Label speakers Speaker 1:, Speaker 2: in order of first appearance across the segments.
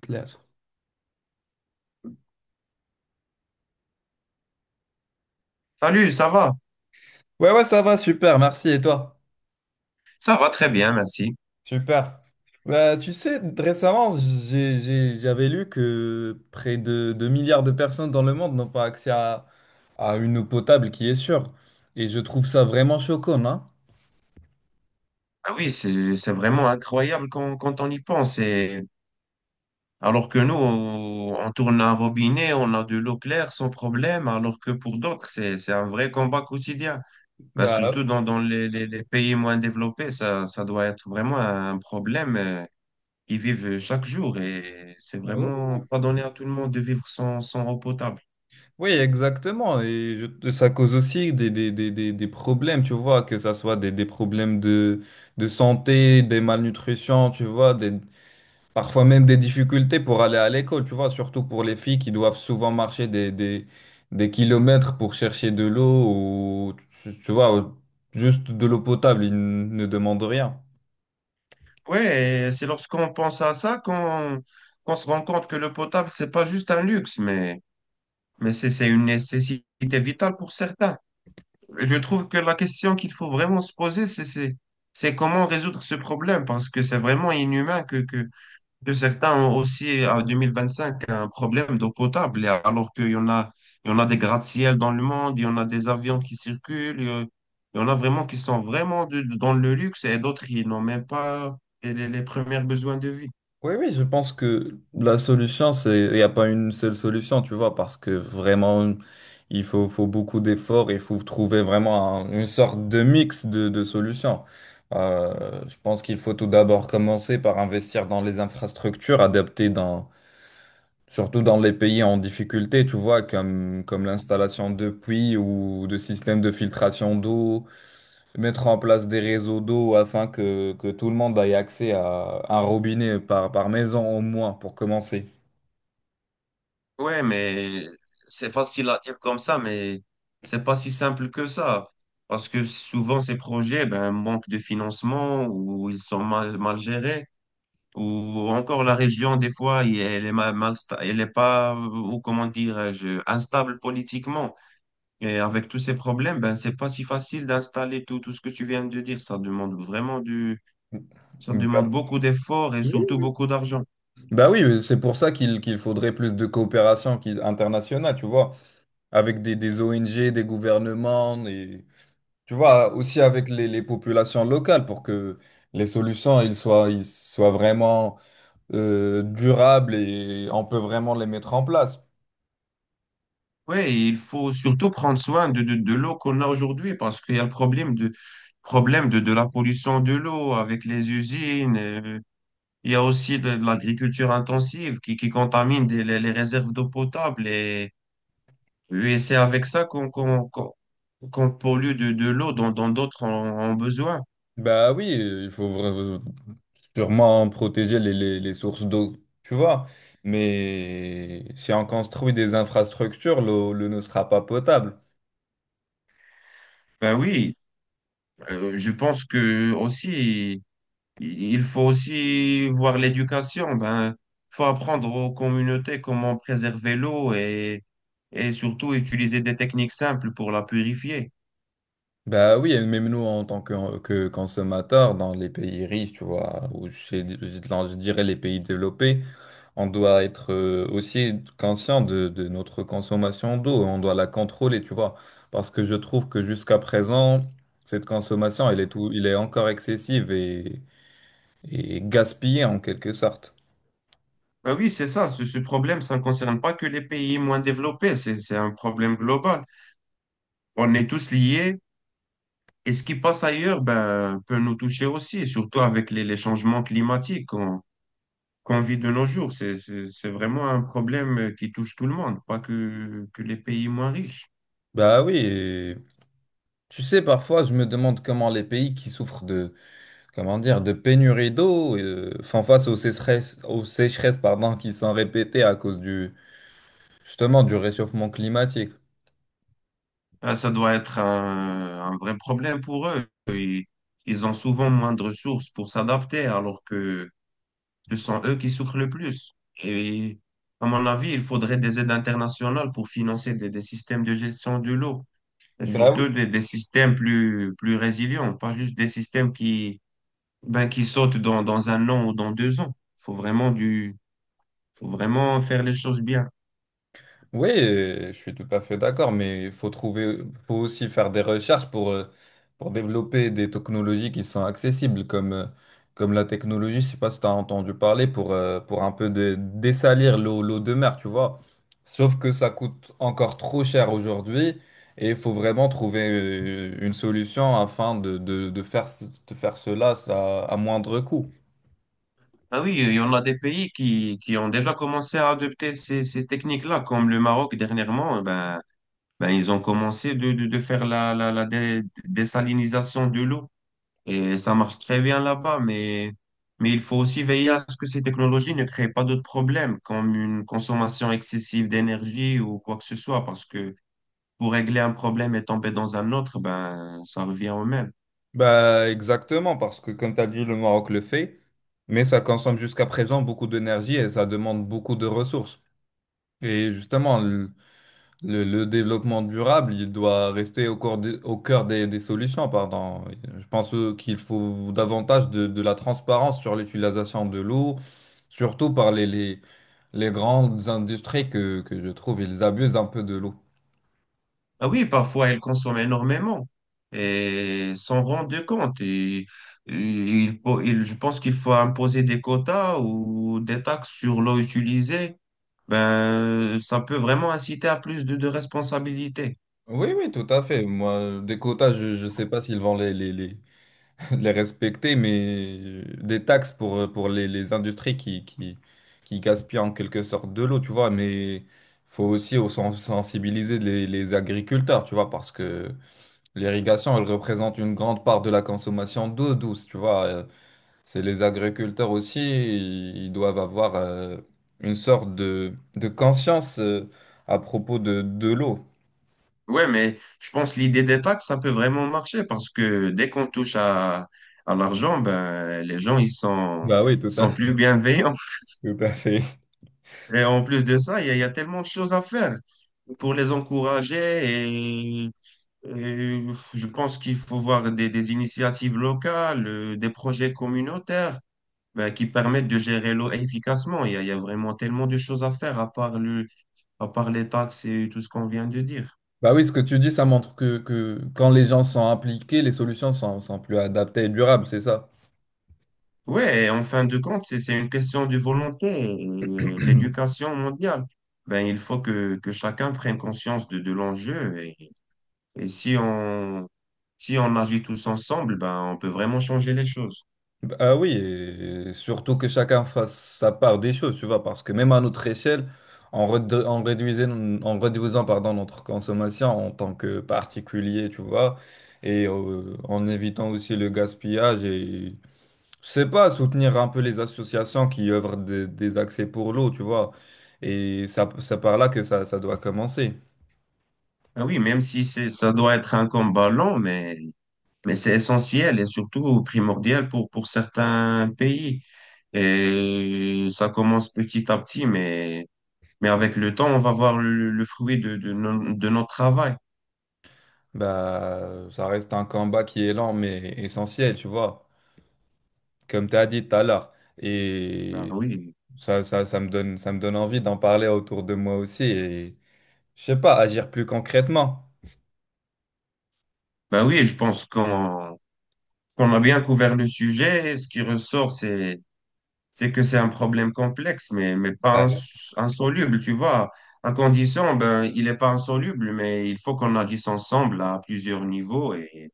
Speaker 1: Claire.
Speaker 2: Salut, ça va?
Speaker 1: Ouais, ouais, ça va, super, merci. Et toi?
Speaker 2: Ça va très bien, merci.
Speaker 1: Super. Bah, tu sais, récemment, j'avais lu que près de 2 milliards de personnes dans le monde n'ont pas accès à une eau potable qui est sûre. Et je trouve ça vraiment choquant, hein.
Speaker 2: Ah oui, c'est vraiment incroyable quand on y pense. Et alors que nous, on tourne un robinet, on a de l'eau claire sans problème, alors que pour d'autres, c'est un vrai combat quotidien. Ben, surtout
Speaker 1: Bah,
Speaker 2: dans les, les pays moins développés, ça doit être vraiment un problème qu'ils vivent chaque jour. Et c'est
Speaker 1: oui.
Speaker 2: vraiment pas donné à tout le monde de vivre sans eau potable.
Speaker 1: Oui, exactement. Et ça cause aussi des problèmes, tu vois, que ça soit des problèmes de santé, des malnutritions, tu vois, des... Parfois même des difficultés pour aller à l'école, tu vois, surtout pour les filles qui doivent souvent marcher des kilomètres pour chercher de l'eau ou, tu vois, juste de l'eau potable, ne demandent rien.
Speaker 2: Ouais, et c'est lorsqu'on pense à ça qu'on se rend compte que le potable, c'est pas juste un luxe, mais c'est une nécessité vitale pour certains. Je trouve que la question qu'il faut vraiment se poser, c'est comment résoudre ce problème, parce que c'est vraiment inhumain que certains ont aussi, en 2025, un problème d'eau potable, et alors qu'il y en a des gratte-ciel dans le monde, il y en a des avions qui circulent, il y en a vraiment qui sont vraiment dans le luxe, et d'autres, ils n'ont même pas les, les premiers besoins de vie.
Speaker 1: Oui, oui, je pense que la solution, c'est, il n'y a pas une seule solution, tu vois, parce que vraiment, faut beaucoup d'efforts, il faut trouver vraiment une sorte de mix de solutions. Je pense qu'il faut tout d'abord commencer par investir dans les infrastructures adaptées, surtout dans les pays en difficulté, tu vois, comme l'installation de puits ou de systèmes de filtration d'eau, mettre en place des réseaux d'eau afin que tout le monde ait accès à un robinet par maison au moins pour commencer.
Speaker 2: Ouais, mais c'est facile à dire comme ça, mais c'est pas si simple que ça. Parce que souvent, ces projets, ben, manquent de financement ou ils sont mal gérés. Ou encore, la région, des fois, elle est mal, elle est pas, ou comment dirais-je, instable politiquement. Et avec tous ces problèmes, ben, c'est pas si facile d'installer tout, tout ce que tu viens de dire. Ça demande
Speaker 1: Bah,
Speaker 2: beaucoup d'efforts et surtout beaucoup d'argent.
Speaker 1: bah oui, c'est pour ça qu'il faudrait plus de coopération internationale, tu vois, avec des ONG, des gouvernements, et tu vois, aussi avec les populations locales pour que les solutions ils soient vraiment durables et on peut vraiment les mettre en place.
Speaker 2: Oui, il faut surtout prendre soin de l'eau qu'on a aujourd'hui parce qu'il y a le problème de la pollution de l'eau avec les usines. Il y a aussi de l'agriculture intensive qui contamine les réserves d'eau potable. Et c'est avec ça qu'on pollue de l'eau dont d'autres en ont besoin.
Speaker 1: Bah oui, il faut sûrement protéger les sources d'eau, tu vois. Mais si on construit des infrastructures, l'eau ne sera pas potable.
Speaker 2: Ben oui, je pense que aussi. Il faut aussi voir l'éducation. Ben, faut apprendre aux communautés comment préserver l'eau et surtout utiliser des techniques simples pour la purifier.
Speaker 1: Bah oui, et même nous en tant que consommateurs dans les pays riches, tu vois, ou chez, dans, je dirais les pays développés, on doit être aussi conscient de notre consommation d'eau, on doit la contrôler, tu vois, parce que je trouve que jusqu'à présent, cette consommation, elle est tout, il est encore excessive et gaspillée en quelque sorte.
Speaker 2: Ben oui, c'est ça. Ce problème, ça ne concerne pas que les pays moins développés. C'est un problème global. On est tous liés. Et ce qui passe ailleurs ben, peut nous toucher aussi, surtout avec les changements climatiques qu'on vit de nos jours. C'est vraiment un problème qui touche tout le monde, pas que les pays moins riches.
Speaker 1: Bah oui, et tu sais, parfois je me demande comment les pays qui souffrent de, comment dire, de pénurie d'eau, enfin, face aux sécheresses, pardon, qui sont répétées à cause du, justement, du réchauffement climatique.
Speaker 2: Ah, ça doit être un vrai problème pour eux. Ils ont souvent moins de ressources pour s'adapter, alors que ce sont eux qui souffrent le plus. Et à mon avis, il faudrait des aides internationales pour financer des systèmes de gestion de l'eau. Et
Speaker 1: Bah
Speaker 2: surtout des systèmes plus résilients, pas juste des systèmes ben, qui sautent dans un an ou dans deux ans. Faut vraiment faire les choses bien.
Speaker 1: oui, je suis tout à fait d'accord, mais il faut trouver, faut aussi faire des recherches pour développer des technologies qui sont accessibles, comme, comme la technologie, je sais pas si tu as entendu parler, pour un peu dessalir l'eau, l'eau de mer, tu vois. Sauf que ça coûte encore trop cher aujourd'hui et il faut vraiment trouver une solution afin de faire, de faire cela à moindre coût.
Speaker 2: Ah oui, il y en a des pays qui ont déjà commencé à adopter ces techniques-là, comme le Maroc dernièrement, ben, ils ont commencé de faire la désalinisation de l'eau. Et ça marche très bien là-bas, mais il faut aussi veiller à ce que ces technologies ne créent pas d'autres problèmes, comme une consommation excessive d'énergie ou quoi que ce soit, parce que pour régler un problème et tomber dans un autre, ben, ça revient au même.
Speaker 1: Bah, exactement, parce que comme tu as dit, le Maroc le fait, mais ça consomme jusqu'à présent beaucoup d'énergie et ça demande beaucoup de ressources. Et justement, le, le développement durable, il doit rester au cœur au cœur des solutions, pardon. Je pense qu'il faut davantage de la transparence sur l'utilisation de l'eau, surtout par les grandes industries que je trouve, ils abusent un peu de l'eau.
Speaker 2: Ah oui, parfois, elles consomment énormément et s'en rendent compte. Et je pense qu'il faut imposer des quotas ou des taxes sur l'eau utilisée. Ben, ça peut vraiment inciter à plus de responsabilités.
Speaker 1: Oui, oui, tout à fait. Moi, des quotas, je ne sais pas s'ils vont de les respecter, mais des taxes pour les industries qui gaspillent en quelque sorte de l'eau, tu vois, mais faut aussi au sensibiliser les agriculteurs, tu vois, parce que l'irrigation, elle représente une grande part de la consommation d'eau douce, tu vois. C'est les agriculteurs aussi, ils doivent avoir une sorte de conscience à propos de l'eau.
Speaker 2: Ouais, mais je pense que l'idée des taxes, ça peut vraiment marcher parce que dès qu'on touche à l'argent, ben, les gens,
Speaker 1: Bah oui,
Speaker 2: ils
Speaker 1: tout à,
Speaker 2: sont plus bienveillants.
Speaker 1: tout à fait.
Speaker 2: Et en plus de ça, il y a tellement de choses à faire pour les encourager. Et, et je pense qu'il faut voir des initiatives locales, des projets communautaires, ben, qui permettent de gérer l'eau efficacement. Il y a vraiment tellement de choses à faire à part les taxes et tout ce qu'on vient de dire.
Speaker 1: Bah oui, ce que tu dis, ça montre que quand les gens sont impliqués, les solutions sont, sont plus adaptées et durables, c'est ça?
Speaker 2: Ouais, en fin de compte, c'est une question de volonté et d'éducation mondiale. Ben, il faut que chacun prenne conscience de l'enjeu et si on agit tous ensemble, ben, on peut vraiment changer les choses.
Speaker 1: Bah oui, et surtout que chacun fasse sa part des choses, tu vois, parce que même à notre échelle, en, en réduisant pardon, notre consommation en tant que particulier, tu vois, et en évitant aussi le gaspillage et, je sais pas, soutenir un peu les associations qui œuvrent des accès pour l'eau, tu vois, et ça, c'est par là que ça doit commencer.
Speaker 2: Ah oui, même si c'est, ça doit être un combat long, mais c'est essentiel et surtout primordial pour certains pays. Et ça commence petit à petit, mais avec le temps, on va voir le fruit de, no- de notre travail.
Speaker 1: Bah, ça reste un combat qui est lent, mais essentiel, tu vois, comme tu as dit tout à l'heure.
Speaker 2: Ben
Speaker 1: Et
Speaker 2: oui.
Speaker 1: ça, ça me donne envie d'en parler autour de moi aussi et, je sais pas, agir plus concrètement.
Speaker 2: Bah oui, je pense qu'on a bien couvert le sujet. Et ce qui ressort, c'est que c'est un problème complexe, mais mais pas
Speaker 1: Bah,
Speaker 2: ins- insoluble, tu vois. En condition, ben il est pas insoluble, mais il faut qu'on agisse ensemble à plusieurs niveaux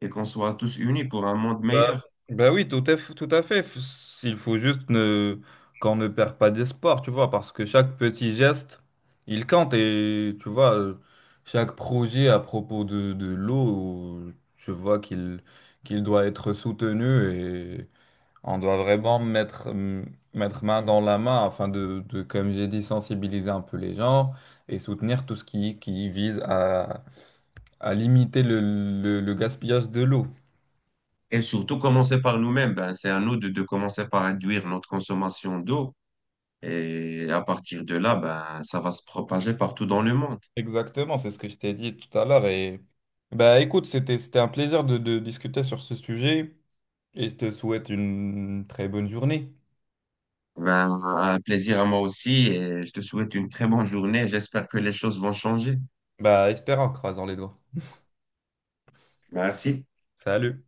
Speaker 2: et qu'on soit tous unis pour un monde
Speaker 1: bah,
Speaker 2: meilleur.
Speaker 1: Bah oui, tout est, tout à fait. Il faut juste ne, qu'on ne perd pas d'espoir, tu vois, parce que chaque petit geste, il compte. Et tu vois, chaque projet à propos de l'eau, je vois qu'il doit être soutenu. On doit vraiment mettre, mettre main dans la main afin comme j'ai dit, sensibiliser un peu les gens et soutenir tout ce qui vise à limiter le, le gaspillage de l'eau.
Speaker 2: Et surtout, commencer par nous-mêmes. Ben c'est à nous de commencer par réduire notre consommation d'eau. Et à partir de là, ben ça va se propager partout dans le monde.
Speaker 1: Exactement, c'est ce que je t'ai dit tout à l'heure. Et bah écoute, c'était, c'était un plaisir de discuter sur ce sujet et je te souhaite une très bonne journée.
Speaker 2: Ben, un plaisir à moi aussi et je te souhaite une très bonne journée. J'espère que les choses vont changer.
Speaker 1: Bah espérant, en croisant les doigts.
Speaker 2: Merci.
Speaker 1: Salut!